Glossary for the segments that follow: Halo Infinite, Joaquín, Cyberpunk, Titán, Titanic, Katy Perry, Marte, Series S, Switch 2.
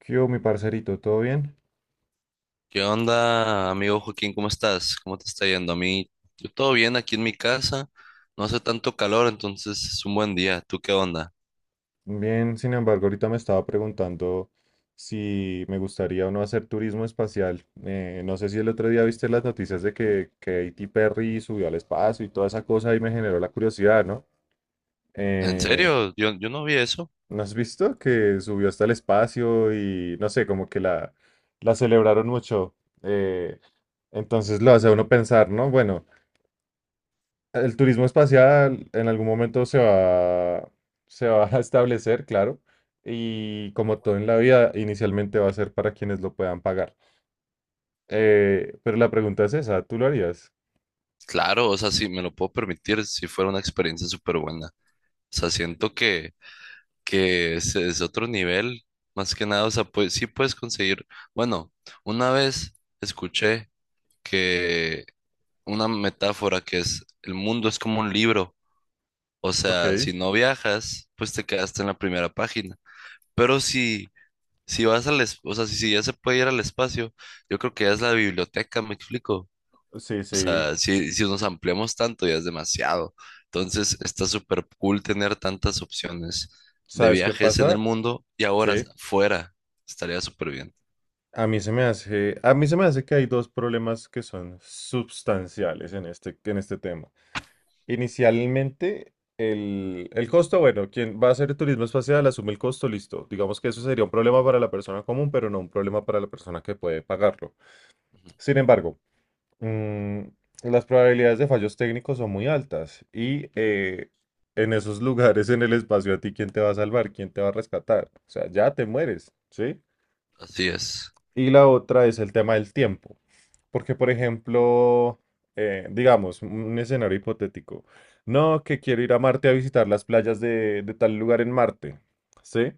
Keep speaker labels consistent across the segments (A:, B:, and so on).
A: ¿Qué hubo, mi parcerito? ¿Todo bien?
B: ¿Qué onda, amigo Joaquín? ¿Cómo estás? ¿Cómo te está yendo? Yo todo bien aquí en mi casa. No hace tanto calor, entonces es un buen día. ¿Tú qué onda?
A: Bien, sin embargo, ahorita me estaba preguntando si me gustaría o no hacer turismo espacial. No sé si el otro día viste las noticias de que Katy Perry subió al espacio y toda esa cosa y me generó la curiosidad, ¿no?
B: ¿En
A: Eh,
B: serio? Yo no vi eso.
A: ¿No has visto que subió hasta el espacio y no sé, como que la celebraron mucho? Eh, entonces lo hace a uno pensar, ¿no? Bueno, el turismo espacial en algún momento se va a establecer, claro, y como todo en la vida, inicialmente va a ser para quienes lo puedan pagar. Pero la pregunta es esa, ¿tú lo harías?
B: Claro, o sea, si me lo puedo permitir si fuera una experiencia súper buena. O sea, siento que es otro nivel, más que nada. O sea, pues sí puedes conseguir. Bueno, una vez escuché que una metáfora que es el mundo es como un libro. O
A: Ok,
B: sea, si no viajas, pues te quedaste en la primera página. Pero si vas o sea, si ya se puede ir al espacio, yo creo que ya es la biblioteca, me explico.
A: sí,
B: O
A: sí.
B: sea, si nos ampliamos tanto, ya es demasiado. Entonces, está súper cool tener tantas opciones de
A: ¿Sabes qué
B: viajes en el
A: pasa?
B: mundo y ahora
A: Sí.
B: fuera. Estaría súper bien.
A: A mí se me hace que hay dos problemas que son sustanciales en este tema. Inicialmente, el costo, bueno, quien va a hacer turismo espacial asume el costo, listo. Digamos que eso sería un problema para la persona común, pero no un problema para la persona que puede pagarlo.
B: Ujú.
A: Sin embargo, mm, las probabilidades de fallos técnicos son muy altas y en esos lugares en el espacio, ¿a ti quién te va a salvar? ¿Quién te va a rescatar? O sea, ya te mueres, ¿sí?
B: Así es.
A: Y la otra es el tema del tiempo. Porque, por ejemplo, digamos, un escenario hipotético. No, que quiero ir a Marte a visitar las playas de tal lugar en Marte. ¿Sí?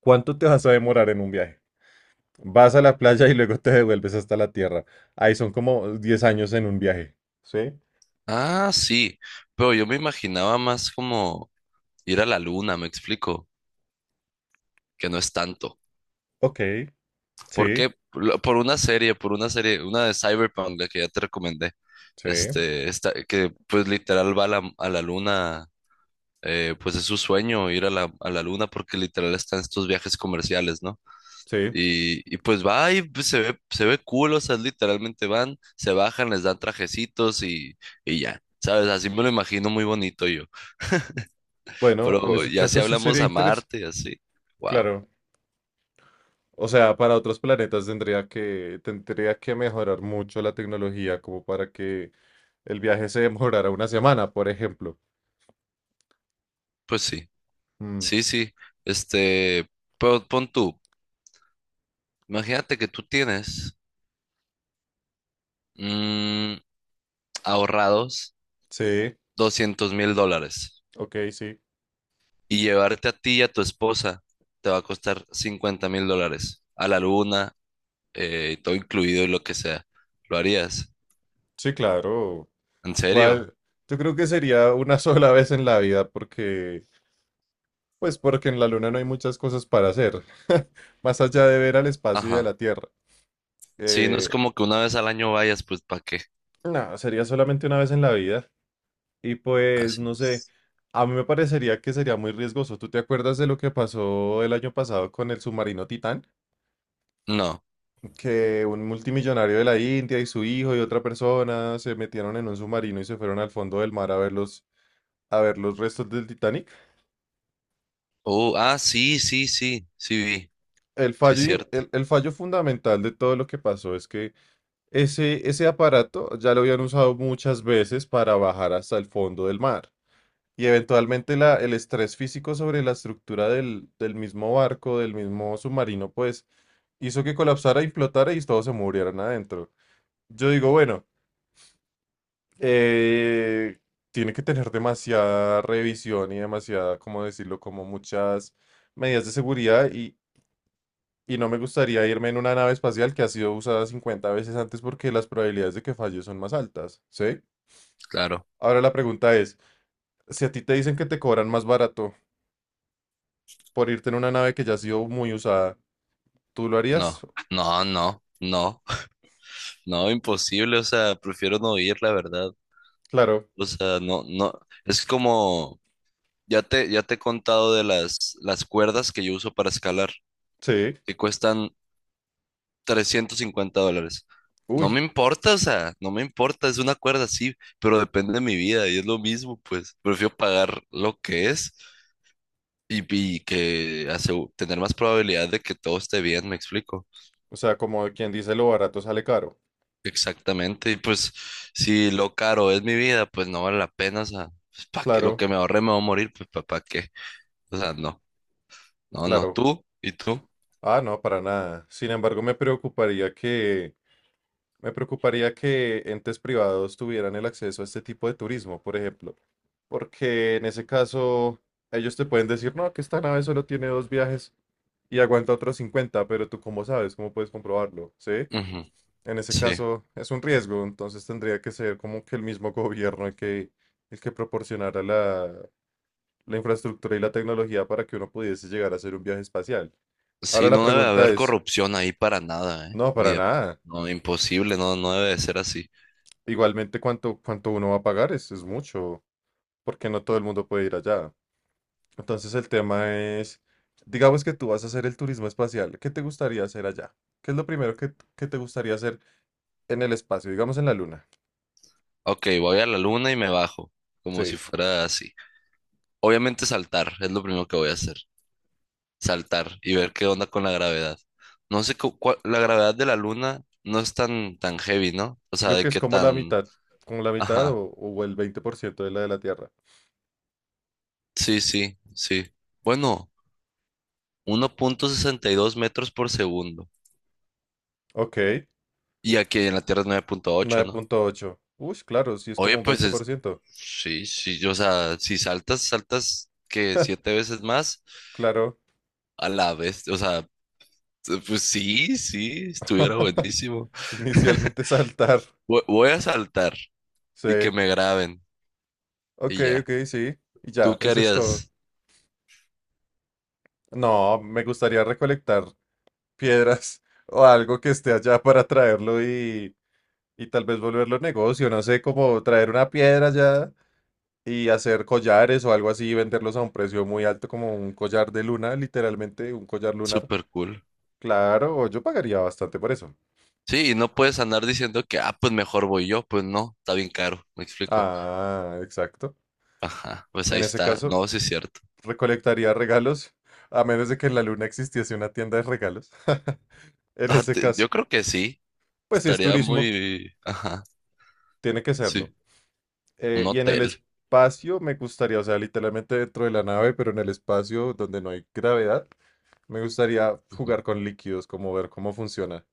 A: ¿Cuánto te vas a demorar en un viaje? Vas a la playa y luego te devuelves hasta la Tierra. Ahí son como 10 años en un viaje. ¿Sí?
B: Ah, sí. Pero yo me imaginaba más como ir a la luna, me explico, que no es tanto.
A: Ok.
B: ¿Por
A: Sí.
B: qué? Por una serie, una de Cyberpunk, la que ya te recomendé.
A: Sí.
B: Esta, que pues literal va a la luna, pues es su sueño ir a la luna porque literal está en estos viajes comerciales, ¿no?
A: Sí.
B: Y pues va y pues, se ve cool, o sea, literalmente van, se bajan, les dan trajecitos y ya, ¿sabes? Así me lo imagino muy bonito yo.
A: Bueno, en
B: Pero
A: ese
B: ya si
A: caso sí
B: hablamos
A: sería
B: a
A: interesante.
B: Marte y así, wow,
A: Claro. O sea, para otros planetas tendría que mejorar mucho la tecnología como para que el viaje se demorara una semana, por ejemplo.
B: pues sí,
A: Mm,
B: sí, sí, este, pero pon tú. Imagínate que tú tienes mm, ahorrados
A: sí,
B: $200,000
A: ok, sí.
B: y llevarte a ti y a tu esposa te va a costar $50,000 a la luna, todo incluido y lo que sea. ¿Lo harías?
A: Sí, claro.
B: ¿En serio?
A: Igual, yo creo que sería una sola vez en la vida pues porque en la Luna no hay muchas cosas para hacer, más allá de ver al espacio y a
B: Ajá.
A: la Tierra.
B: Sí, no es
A: Eh,
B: como que una vez al año vayas, pues ¿para qué?
A: no, sería solamente una vez en la vida. Y pues,
B: Así
A: no sé,
B: es.
A: a mí me parecería que sería muy riesgoso. ¿Tú te acuerdas de lo que pasó el año pasado con el submarino Titán?
B: No.
A: Que un multimillonario de la India y su hijo y otra persona se metieron en un submarino y se fueron al fondo del mar a ver los, restos del Titanic.
B: Oh, ah, sí, sí, sí, sí vi.
A: El
B: Sí es
A: fallo,
B: cierto.
A: el fallo fundamental de todo lo que pasó es que ese aparato ya lo habían usado muchas veces para bajar hasta el fondo del mar. Y eventualmente el estrés físico sobre la estructura del mismo barco, del mismo submarino, pues hizo que colapsara y flotara y todos se murieran adentro. Yo digo, bueno, eh, tiene que tener demasiada revisión y demasiada, ¿cómo decirlo? Como muchas medidas de seguridad y no me gustaría irme en una nave espacial que ha sido usada 50 veces antes porque las probabilidades de que falle son más altas, ¿sí?
B: Claro.
A: Ahora la pregunta es, si a ti te dicen que te cobran más barato, por irte en una nave que ya ha sido muy usada. ¿Tú lo harías?
B: No, no, no, no. No, imposible, o sea, prefiero no ir, la verdad.
A: Claro,
B: O sea, no, no, es como, ya te he contado de las cuerdas que yo uso para escalar,
A: sí.
B: que cuestan $350. No
A: Uy,
B: me importa, o sea, no me importa, es una cuerda, sí, pero depende de mi vida y es lo mismo, pues prefiero pagar lo que es y que asegu- tener más probabilidad de que todo esté bien, me explico.
A: o sea, como quien dice lo barato sale caro.
B: Exactamente, y pues si lo caro es mi vida, pues no vale la pena, o sea, pues, ¿para qué? Lo
A: Claro,
B: que me ahorré me va a morir, pues ¿para qué? O sea, no. No, no,
A: claro.
B: tú y tú.
A: Ah, no, para nada. Sin embargo, me preocuparía que entes privados tuvieran el acceso a este tipo de turismo, por ejemplo. Porque en ese caso, ellos te pueden decir, no, que esta nave solo tiene dos viajes y aguanta otros 50, pero tú cómo sabes, cómo puedes comprobarlo, ¿sí?
B: Ujú.
A: En ese
B: Sí,
A: caso es un riesgo, entonces tendría que ser como que el mismo gobierno el que proporcionara la infraestructura y la tecnología para que uno pudiese llegar a hacer un viaje espacial.
B: sí,
A: Ahora la
B: no debe
A: pregunta
B: haber
A: es,
B: corrupción ahí para nada, ¿eh?
A: no,
B: Ni
A: para
B: de-
A: nada.
B: No, imposible, no, no debe de ser así.
A: Igualmente, ¿ cuánto uno va a pagar? Es mucho, porque no todo el mundo puede ir allá. Entonces el tema es, digamos que tú vas a hacer el turismo espacial, ¿qué te gustaría hacer allá? ¿Qué es lo primero que te gustaría hacer en el espacio, digamos en la luna?
B: Ok, voy a la luna y me bajo, como si
A: Sí.
B: fuera así. Obviamente saltar, es lo primero que voy a hacer, saltar y ver qué onda con la gravedad. No sé, la gravedad de la luna no es tan heavy, ¿no? O sea,
A: Creo
B: de
A: que es
B: qué tan...
A: como la mitad
B: Ajá,
A: o el 20% de la Tierra.
B: sí, sí, sí. Bueno, 1,62 m/s.
A: Ok,
B: Y aquí en la Tierra es 9,8,
A: nueve
B: ¿no?
A: punto ocho. Uy, claro, sí es
B: Oye,
A: como un
B: pues
A: veinte por ciento,
B: sí, sí, o sea, si saltas, saltas que siete veces más
A: Claro.
B: a la vez, o sea, pues sí, sí, estuviera buenísimo.
A: Inicialmente saltar.
B: Voy a saltar y que
A: Sí.
B: me graben
A: Ok,
B: y ya.
A: ok, sí. Y
B: ¿Tú
A: ya,
B: qué
A: eso es todo.
B: harías?
A: No, me gustaría recolectar piedras o algo que esté allá para traerlo y tal vez volverlo negocio. No sé, como traer una piedra ya y hacer collares o algo así y venderlos a un precio muy alto, como un collar de luna, literalmente un collar lunar.
B: Súper cool.
A: Claro, yo pagaría bastante por eso.
B: Sí, y no puedes andar diciendo que, ah, pues mejor voy yo, pues no, está bien caro, me explico.
A: Ah, exacto.
B: Ajá, pues ahí
A: En ese
B: está,
A: caso,
B: no, sí es cierto.
A: recolectaría regalos, a menos de que en la luna existiese una tienda de regalos. En
B: Ah,
A: ese caso,
B: yo creo que sí,
A: pues si es
B: estaría
A: turismo,
B: muy, ajá,
A: tiene que serlo.
B: sí, un
A: Y en el
B: hotel.
A: espacio me gustaría, o sea, literalmente dentro de la nave, pero en el espacio donde no hay gravedad, me gustaría jugar con líquidos, como ver cómo funciona.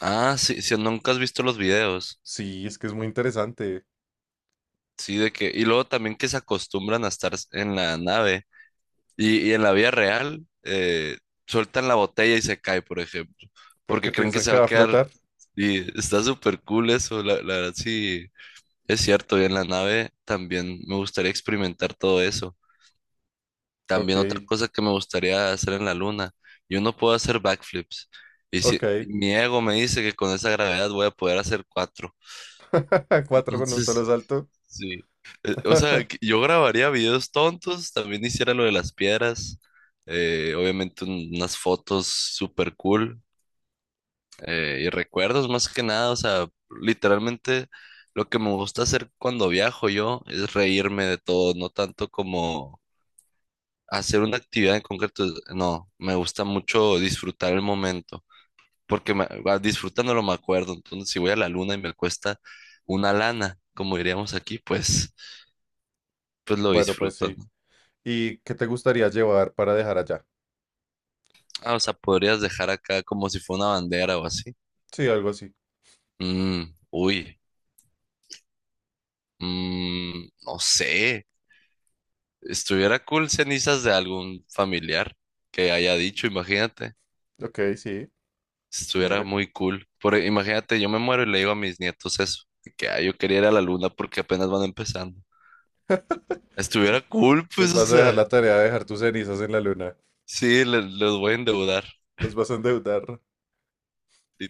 B: Ah, sí, sí, nunca has visto los videos.
A: Sí, es que es muy interesante.
B: Sí, de que. Y luego también que se acostumbran a estar en la nave. Y en la vida real, sueltan la botella y se cae, por ejemplo.
A: ¿Por qué
B: Porque creen que
A: piensan
B: se
A: que
B: va
A: va
B: a
A: a
B: quedar.
A: flotar?
B: Y está súper cool eso. La verdad, sí, es cierto. Y en la nave también me gustaría experimentar todo eso.
A: Ok,
B: También otra cosa que me gustaría hacer en la luna. Yo no puedo hacer backflips. Y
A: ok.
B: si y mi ego me dice que con esa gravedad voy a poder hacer cuatro.
A: Cuatro con un solo
B: Entonces.
A: salto.
B: Sí. O sea, que yo grabaría videos tontos, también hiciera lo de las piedras, obviamente unas fotos super cool, y recuerdos más que nada, o sea, literalmente lo que me gusta hacer cuando viajo yo es reírme de todo, no tanto como hacer una actividad en concreto, no, me gusta mucho disfrutar el momento, porque me, va, disfrutándolo me acuerdo, entonces si voy a la luna y me cuesta una lana, como diríamos aquí, pues, pues lo
A: Bueno, pues
B: disfruto.
A: sí. ¿Y qué te gustaría llevar para dejar allá?
B: Ah, o sea, podrías dejar acá como si fuera una bandera o así.
A: Sí, algo así.
B: Mm, uy, no sé. Estuviera cool cenizas de algún familiar que haya dicho, imagínate.
A: Ok, sí.
B: Estuviera
A: Mira.
B: muy cool. Imagínate, yo me muero y le digo a mis nietos eso, de que "Ah, yo quería ir a la luna porque apenas van empezando.
A: se-
B: Estuviera cool,
A: Les
B: pues, o
A: vas a dejar
B: sea."
A: la tarea de dejar tus cenizas en la luna.
B: Sí, los voy a endeudar,
A: Los vas a endeudar.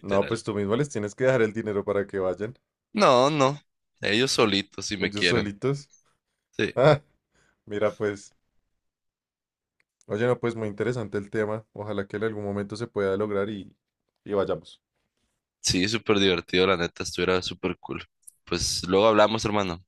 A: No, pues tú mismo les tienes que dejar el dinero para que vayan.
B: No, no. Ellos solitos si me
A: Ellos
B: quieren.
A: solitos.
B: Sí.
A: Ah, mira, pues. Oye, no, pues muy interesante el tema. Ojalá que en algún momento se pueda lograr y vayamos.
B: Sí, súper divertido, la neta, estuviera súper cool. Pues luego hablamos, hermano.